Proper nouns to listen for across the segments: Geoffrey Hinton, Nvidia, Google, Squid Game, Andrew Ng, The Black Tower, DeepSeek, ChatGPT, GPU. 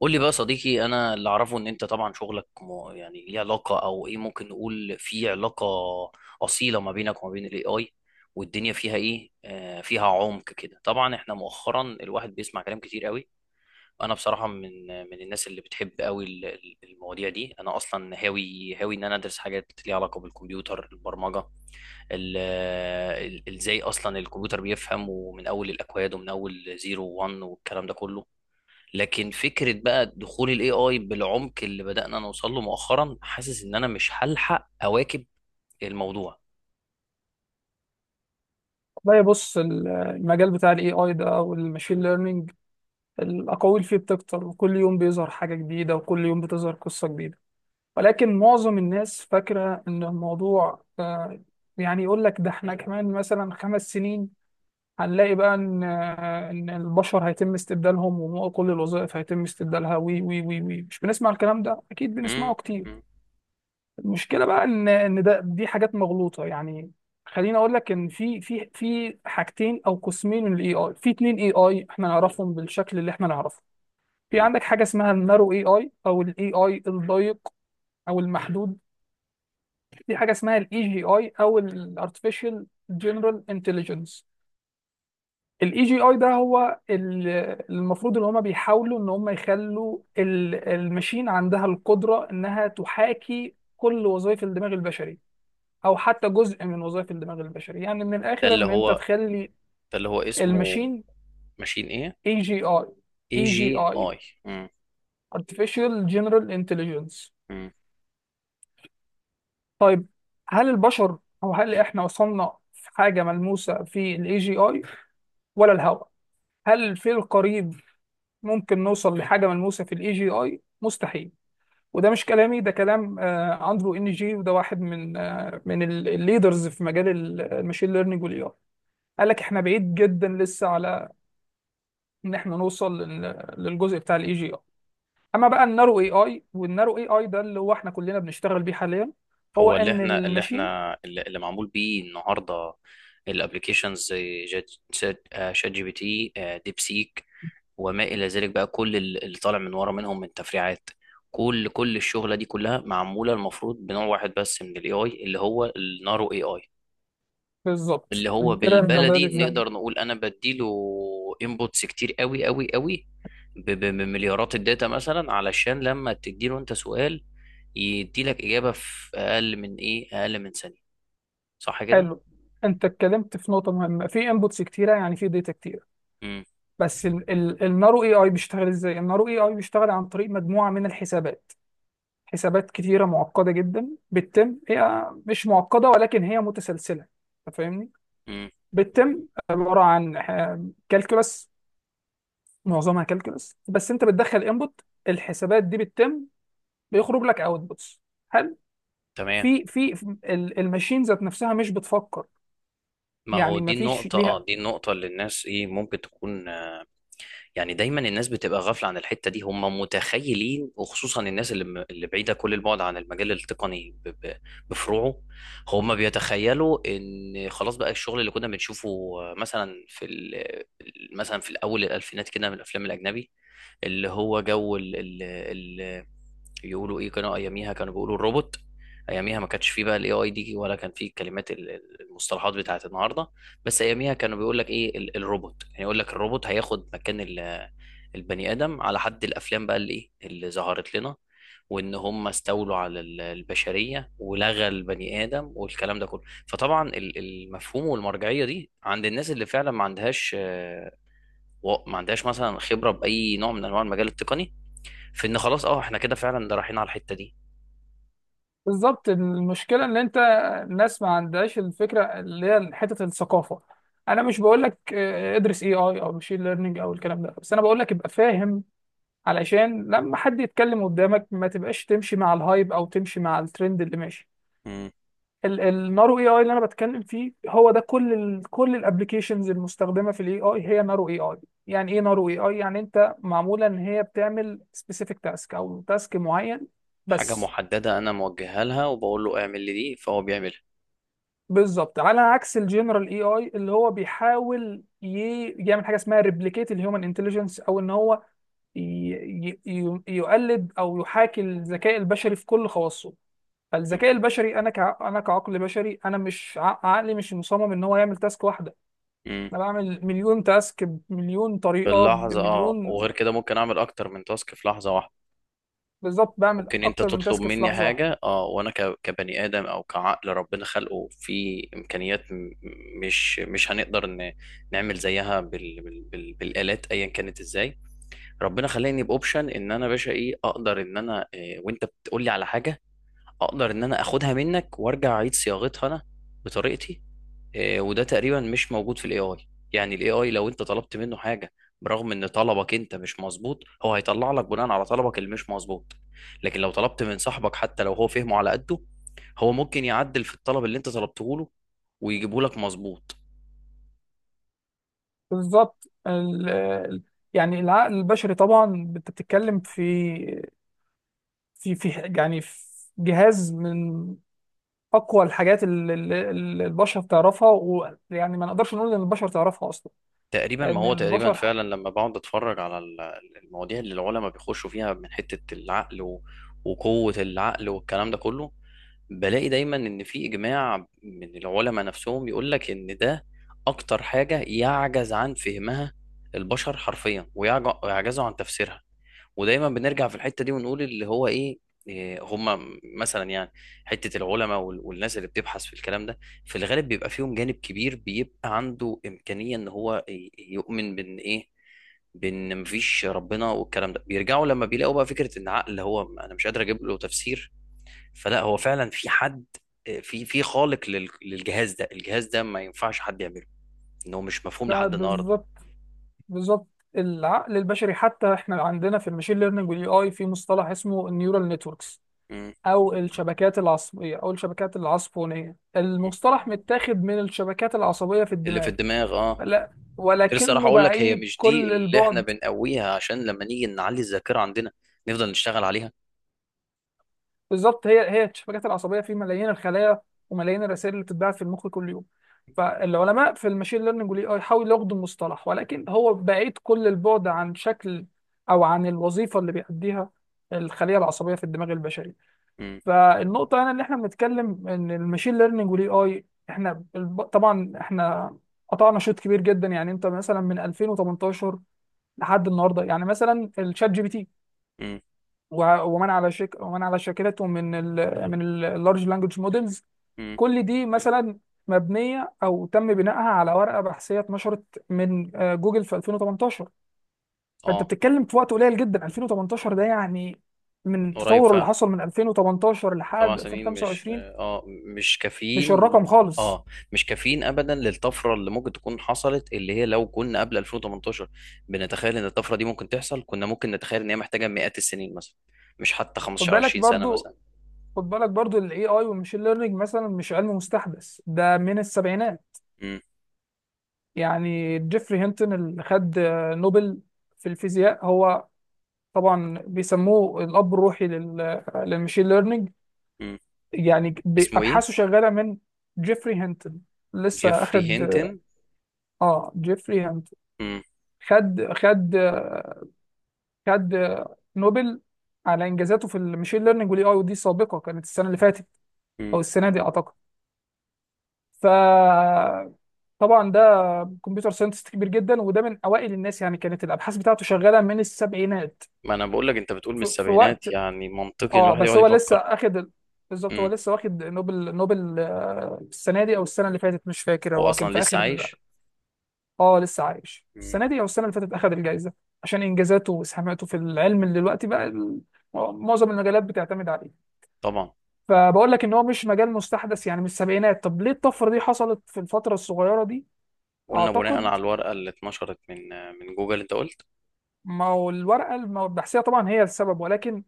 قول لي بقى صديقي، انا اللي اعرفه ان انت طبعا شغلك يعني ليه علاقه، او ايه، ممكن نقول في علاقه اصيله ما بينك وما بين الاي اي، والدنيا فيها ايه، فيها عمق كده. طبعا احنا مؤخرا الواحد بيسمع كلام كتير قوي. انا بصراحه من الناس اللي بتحب قوي المواضيع دي. انا اصلا هاوي ان انا ادرس حاجات ليها علاقه بالكمبيوتر، البرمجه، ال- ازاي اصلا الكمبيوتر بيفهم، ومن اول الاكواد، ومن اول زيرو وان والكلام ده كله. لكن فكرة بقى دخول الاي اي بالعمق اللي بدأنا نوصل له مؤخرا، حاسس ان انا مش هلحق اواكب الموضوع. لا، بص. المجال بتاع الاي اي ده والماشين ليرنينج، الاقاويل فيه بتكتر، وكل يوم بيظهر حاجه جديده وكل يوم بتظهر قصه جديده. ولكن معظم الناس فاكره ان الموضوع يعني، يقول لك ده احنا كمان مثلا خمس سنين هنلاقي بقى ان البشر هيتم استبدالهم وكل الوظائف هيتم استبدالها، وي وي وي وي، مش بنسمع الكلام ده؟ اكيد مم، بنسمعه كتير. مم، المشكله بقى ان ده دي حاجات مغلوطه يعني. خليني اقول لك ان في حاجتين او قسمين من الاي اي. في اتنين اي اي احنا نعرفهم بالشكل اللي احنا نعرفه. في مم، عندك حاجه اسمها النارو اي اي، او الاي اي الضيق، او المحدود. في حاجه اسمها الاي جي اي، او الارتفيشال جنرال انتليجنس. الاي جي اي ده هو المفروض ان هم بيحاولوا ان هم يخلوا الماشين عندها القدره انها تحاكي كل وظائف الدماغ البشري، او حتى جزء من وظائف الدماغ البشري. يعني من ده الاخر، اللي ان انت هو، تخلي ده اللي هو اسمه الماشين ماشين ايه؟ اي جي اي. اي اي جي جي اي. اي. مم، artificial general intelligence. مم. طيب، هل البشر، او هل احنا وصلنا في حاجه ملموسه في الاي جي اي ولا الهوى؟ هل في القريب ممكن نوصل لحاجه ملموسه في الاي جي اي؟ مستحيل. وده مش كلامي، ده كلام اندرو ان جي، وده واحد من الليدرز في مجال الماشين ليرنينج والاي اي. قال لك احنا بعيد جدا لسه على ان احنا نوصل للجزء بتاع الاي جي اي. اما بقى النارو اي اي، والنارو اي اي ده اللي هو احنا كلنا بنشتغل بيه حاليا، هو هو اللي ان احنا، اللي الماشين. احنا اللي, اللي معمول بيه النهارده، الابلكيشنز، زي شات، شات جي بي تي، ديب سيك، وما الى ذلك بقى. كل اللي طالع من ورا منهم من تفريعات، كل الشغله دي كلها معموله المفروض بنوع واحد بس من الاي اي، اللي هو النارو اي اي، بالظبط، اللي هو كده انت بدأت بالبلدي تفهم. نقدر نقول انا بديله انبوتس كتير قوي، بمليارات الداتا، مثلا علشان لما تديله انت سؤال، يديلك اجابه في اقل من ايه، اقل من ثانيه. صح كده؟ حلو. انت اتكلمت في نقطه مهمه، في انبوتس كتيره، يعني في داتا كتيره. امم. بس النارو اي اي بيشتغل ازاي؟ النارو اي اي بيشتغل عن طريق مجموعه من الحسابات، حسابات كتيره معقده جدا بتتم. هي مش معقده ولكن هي متسلسله. أنت فاهمني؟ امم. بتتم، عباره عن كالكولس، معظمها كالكولس. بس انت بتدخل انبوت، الحسابات دي بتتم، بيخرج لك اوتبوتس. هل تمام. في الماشين ذات نفسها مش بتفكر؟ ما هو يعني ما دي فيش النقطة، ليها. اه دي النقطة اللي الناس ايه، ممكن تكون، يعني دايما الناس بتبقى غافله عن الحته دي. هم متخيلين، وخصوصا الناس اللي اللي بعيده كل البعد عن المجال التقني، بفروعه، هم بيتخيلوا ان خلاص بقى الشغل اللي كنا بنشوفه، مثلا في مثلا في الاول، الالفينات كده، من الافلام الاجنبي، اللي هو جو ال- يقولوا ايه، كانوا اياميها كانوا بيقولوا الروبوت. اياميها ما كانش فيه بقى الاي اي دي، ولا كان فيه كلمات المصطلحات بتاعت النهارده. بس اياميها كانوا بيقول لك ايه، الروبوت، يعني يقول لك الروبوت هياخد مكان البني ادم، على حد الافلام بقى اللي ايه، اللي ظهرت لنا، وان هم استولوا على البشريه، ولغى البني ادم والكلام ده كله. فطبعا المفهوم والمرجعيه دي عند الناس اللي فعلا ما عندهاش، ما عندهاش مثلا خبره باي نوع من انواع المجال التقني، في ان خلاص اه احنا كده فعلا ده رايحين على الحته دي. بالظبط، المشكله ان انت، الناس ما عندهاش الفكره، اللي هي حته الثقافه. انا مش بقول لك ادرس اي اي او ماشين ليرنينج او الكلام ده، بس انا بقول لك ابقى فاهم، علشان لما حد يتكلم قدامك ما تبقاش تمشي مع الهايب او تمشي مع الترند اللي ماشي. مم. النارو اي اي اللي انا بتكلم فيه هو ده. كل الابلكيشنز المستخدمه في الاي اي هي نارو اي اي. يعني ايه نارو اي اي؟ يعني انت معموله ان هي بتعمل سبيسيفيك تاسك، او تاسك معين حاجة بس. محددة، أنا موجهها لها وبقول له اعمل لي دي، فهو بيعملها. بالظبط، على عكس الجنرال اي اي اللي هو بيحاول يعمل حاجه اسمها ريبليكيت الهيومن انتليجنس، او ان هو ي- يقلد او يحاكي الذكاء البشري في كل خواصه. مم. فالذكاء البشري، انا كعقل بشري، انا مش ع- عقلي مش مصمم ان هو يعمل تاسك واحده. مم. انا بعمل مليون تاسك بمليون في طريقه اللحظة، اه بمليون. وغير كده ممكن أعمل أكتر من تاسك في لحظة واحدة. بالظبط، بعمل ممكن أنت اكتر من تطلب تاسك في مني لحظه واحده. حاجة، اه وأنا كبني آدم أو كعقل ربنا خلقه في إمكانيات مش هنقدر نعمل زيها بالآلات أيا كانت، إزاي ربنا خلاني بأوبشن إن أنا باشا إيه، أقدر إن أنا إيه، وأنت بتقولي على حاجة أقدر إن أنا أخدها منك وأرجع أعيد صياغتها أنا بطريقتي. وده تقريبا مش موجود في الاي اي. يعني الاي اي لو انت طلبت منه حاجه، برغم ان طلبك انت مش مظبوط، هو هيطلع لك بناء على طلبك اللي مش مظبوط. لكن لو طلبت من صاحبك، حتى لو هو فهمه على قده، هو ممكن يعدل في الطلب اللي انت طلبته له ويجيبه لك مظبوط. بالظبط، يعني العقل البشري، طبعا انت بتتكلم في في في يعني في جهاز من اقوى الحاجات، اللي البشر تعرفها، ويعني ما نقدرش نقول ان البشر تعرفها اصلا، تقريبا، ما لان هو تقريبا البشر فعلا لما بقعد اتفرج على المواضيع اللي العلماء بيخشوا فيها من حتة العقل وقوة العقل والكلام ده كله، بلاقي دايما ان في اجماع من العلماء نفسهم يقول لك ان ده اكتر حاجة يعجز عن فهمها البشر حرفيا، ويعجزوا عن تفسيرها. ودايما بنرجع في الحته دي ونقول اللي هو ايه، إيه هم مثلا، يعني حته العلماء والناس اللي بتبحث في الكلام ده، في الغالب بيبقى فيهم جانب كبير بيبقى عنده امكانيه ان هو يؤمن بان ايه، بان مفيش ربنا، والكلام ده بيرجعوا لما بيلاقوا بقى فكره ان عقل، هو انا مش قادر اجيب له تفسير، فلا هو فعلا في حد، في خالق للجهاز ده، الجهاز ده ما ينفعش حد يعمله، ان هو مش مفهوم بقى. لحد النهارده. بالظبط. بالظبط. العقل البشري، حتى احنا عندنا في الماشين ليرنينج والاي اي في مصطلح اسمه النيورال نتوركس، م- أو الشبكات العصبية، أو الشبكات العصبونية. م. المصطلح متاخد من الشبكات العصبية في اللي في الدماغ. الدماغ اه. لا، كنت لسه راح ولكنه اقول لك، هي بعيد مش دي كل اللي احنا البعد. بنقويها عشان لما نيجي نعلي الذاكره عندنا نفضل نشتغل عليها؟ بالظبط، هي هي الشبكات العصبية في ملايين الخلايا، وملايين الرسائل اللي بتتبعت في المخ كل يوم. فالعلماء في الماشين ليرنينج والاي اي حاولوا ياخدوا المصطلح، ولكن هو بعيد كل البعد عن شكل، أو عن الوظيفة اللي بيأديها الخلية العصبية في الدماغ البشري. امم. فالنقطة هنا اللي احنا بنتكلم، ان الماشين ليرنينج والاي اي، احنا طبعا احنا قطعنا شوط كبير جدا. يعني انت مثلا من 2018 لحد النهارده، يعني مثلا الشات جي بي تي امم. ومن على شاكلته، من ال من اللارج لانجوج مودلز، امم. كل دي مثلا مبنية او تم بنائها على ورقة بحثية اتنشرت من جوجل في 2018. فانت اه، بتتكلم في وقت قليل جدا. 2018 ده يعني، من من قريب التطور اللي فعلا. حصل من 2018 سبع لحد سنين مش 2025، اه مش مش كافيين. الرقم خالص. اه مش كافيين ابدا للطفره اللي ممكن تكون حصلت، اللي هي لو كنا قبل 2018 بنتخيل ان الطفره دي ممكن تحصل، كنا ممكن نتخيل ان هي محتاجه مئات السنين مثلا، مش حتى خد 15 بالك 20 سنه برضو، مثلا. خد بالك برضو، الاي اي والماشين ليرنينج مثلا مش علم مستحدث، ده من السبعينات. امم. يعني جيفري هينتون اللي خد نوبل في الفيزياء، هو طبعا بيسموه الاب الروحي للماشين ليرنينج. امم. يعني اسمه ايه؟ ابحاثه شغاله من. جيفري هينتون، لسه جيفري اخد. هينتن. اه، جيفري هينتون خد خد خد نوبل على انجازاته في الماشين ليرنينج والاي اي، ودي سابقه. كانت السنه اللي فاتت، امم. او السنه دي اعتقد. فطبعا ده كمبيوتر ساينتست كبير جدا، وده من اوائل الناس. يعني كانت الابحاث بتاعته شغاله من السبعينات. ما انا بقول لك، انت بتقول من في, في السبعينات، وقت. يعني منطقي ان اه، الواحد بس يقعد هو لسه يفكر. اخد بالظبط. هو امم. لسه واخد نوبل، السنه دي او السنه اللي فاتت، مش فاكر. هو هو كان اصلا في لسه اخر. عايش؟ اه، لسه عايش. امم. السنه دي او السنه اللي فاتت اخد الجائزه، عشان انجازاته واسهاماته في العلم اللي دلوقتي بقى معظم المجالات بتعتمد عليه. طبعا. فبقول لك ان هو مش مجال مستحدث، يعني من السبعينات. طب ليه الطفره دي حصلت في الفتره الصغيره دي؟ قلنا بناء على اعتقد، الورقه اللي اتنشرت من من جوجل، انت قلت. ما هو الورقة البحثية طبعا هي السبب، ولكن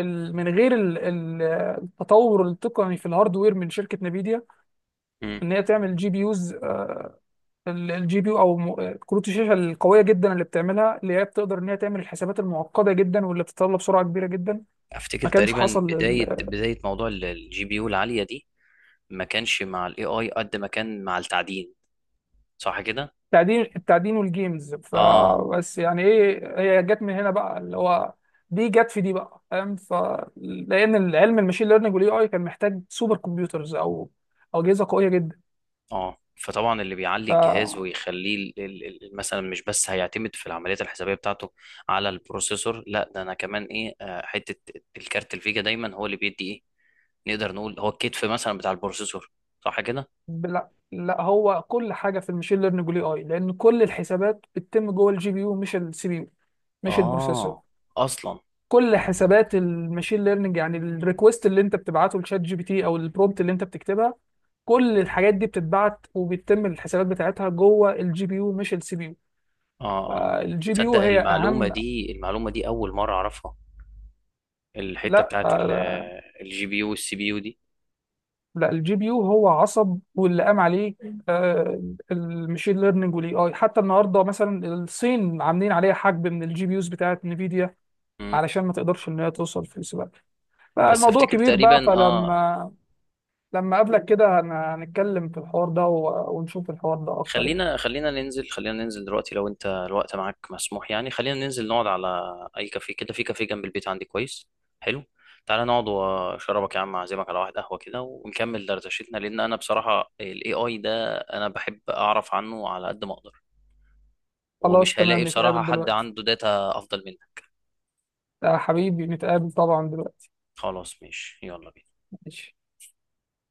من غير التطور التقني في الهاردوير من شركة نفيديا، امم. ان هي تعمل جي بي يوز. الجي بي يو، او كروت الشاشة القوية جدا اللي بتعملها، اللي هي بتقدر ان هي تعمل الحسابات المعقدة جدا واللي بتتطلب سرعة كبيرة جدا، افتكر ما كانش تقريبا حصل. بدايه، بدايه موضوع الجي بي يو العاليه دي، ما كانش مع الاي اي قد ما كان مع التعدين. صح كده؟ التعدين، والجيمز اه. فبس. يعني ايه، هي جت من هنا بقى، اللي هو دي جت في دي، بقى فاهم؟ لان العلم الماشين ليرنينج والاي اي كان محتاج سوبر كمبيوترز، او اجهزه قويه جدا. اه، فطبعا اللي بيعلي ف الجهاز ويخليه مثلا مش بس هيعتمد في العمليات الحسابيه بتاعته على البروسيسور، لا ده انا كمان ايه، حته الكارت الفيجا دايما هو اللي بيدي ايه، نقدر نقول هو الكتف مثلا بتاع البروسيسور. صح كده؟ لا، لا، هو كل حاجه في الماشين ليرنينج والاي اي، لان كل الحسابات بتتم جوه الجي بي يو، مش السي بي يو، مش البروسيسور. اه اصلا. كل حسابات الماشين ليرنينج، يعني الريكوست اللي انت بتبعته لشات جي بي تي، او البرومبت اللي انت بتكتبها، كل الحاجات دي بتتبعت وبيتم الحسابات بتاعتها جوه الجي بي يو، مش السي بي يو. اه. اه الجي بي يو تصدق هي المعلومه اهم. دي، المعلومه دي اول مره اعرفها، الحته لا، بتاعت الجي بي يو والسي بي يو دي. لا، الجي بي يو هو عصب، واللي قام عليه آه، المشين ليرنينج والاي اي. حتى النهارده مثلا، الصين عاملين عليها حجب من الجي بي يوز بتاعت نفيديا، مم. علشان ما تقدرش ان هي توصل في السباق. بس فالموضوع افتكر كبير بقى. تقريبا اه. لما اقابلك كده هنتكلم في الحوار ده، ونشوف الحوار ده اكتر يعني. خلينا، ننزل دلوقتي لو انت الوقت معاك مسموح، يعني خلينا ننزل نقعد على اي كافيه كده، في كافيه جنب البيت عندي كويس. حلو، تعالى نقعد واشربك يا عم، اعزمك على واحد قهوة كده ونكمل دردشتنا، لان انا بصراحة الاي اي ده انا بحب اعرف عنه على قد ما اقدر، خلاص ومش هلاقي تمام، بصراحة نتقابل حد دلوقتي. عنده داتا افضل منك. يا حبيبي، نتقابل طبعا دلوقتي. خلاص ماشي، يلا بينا. ماشي.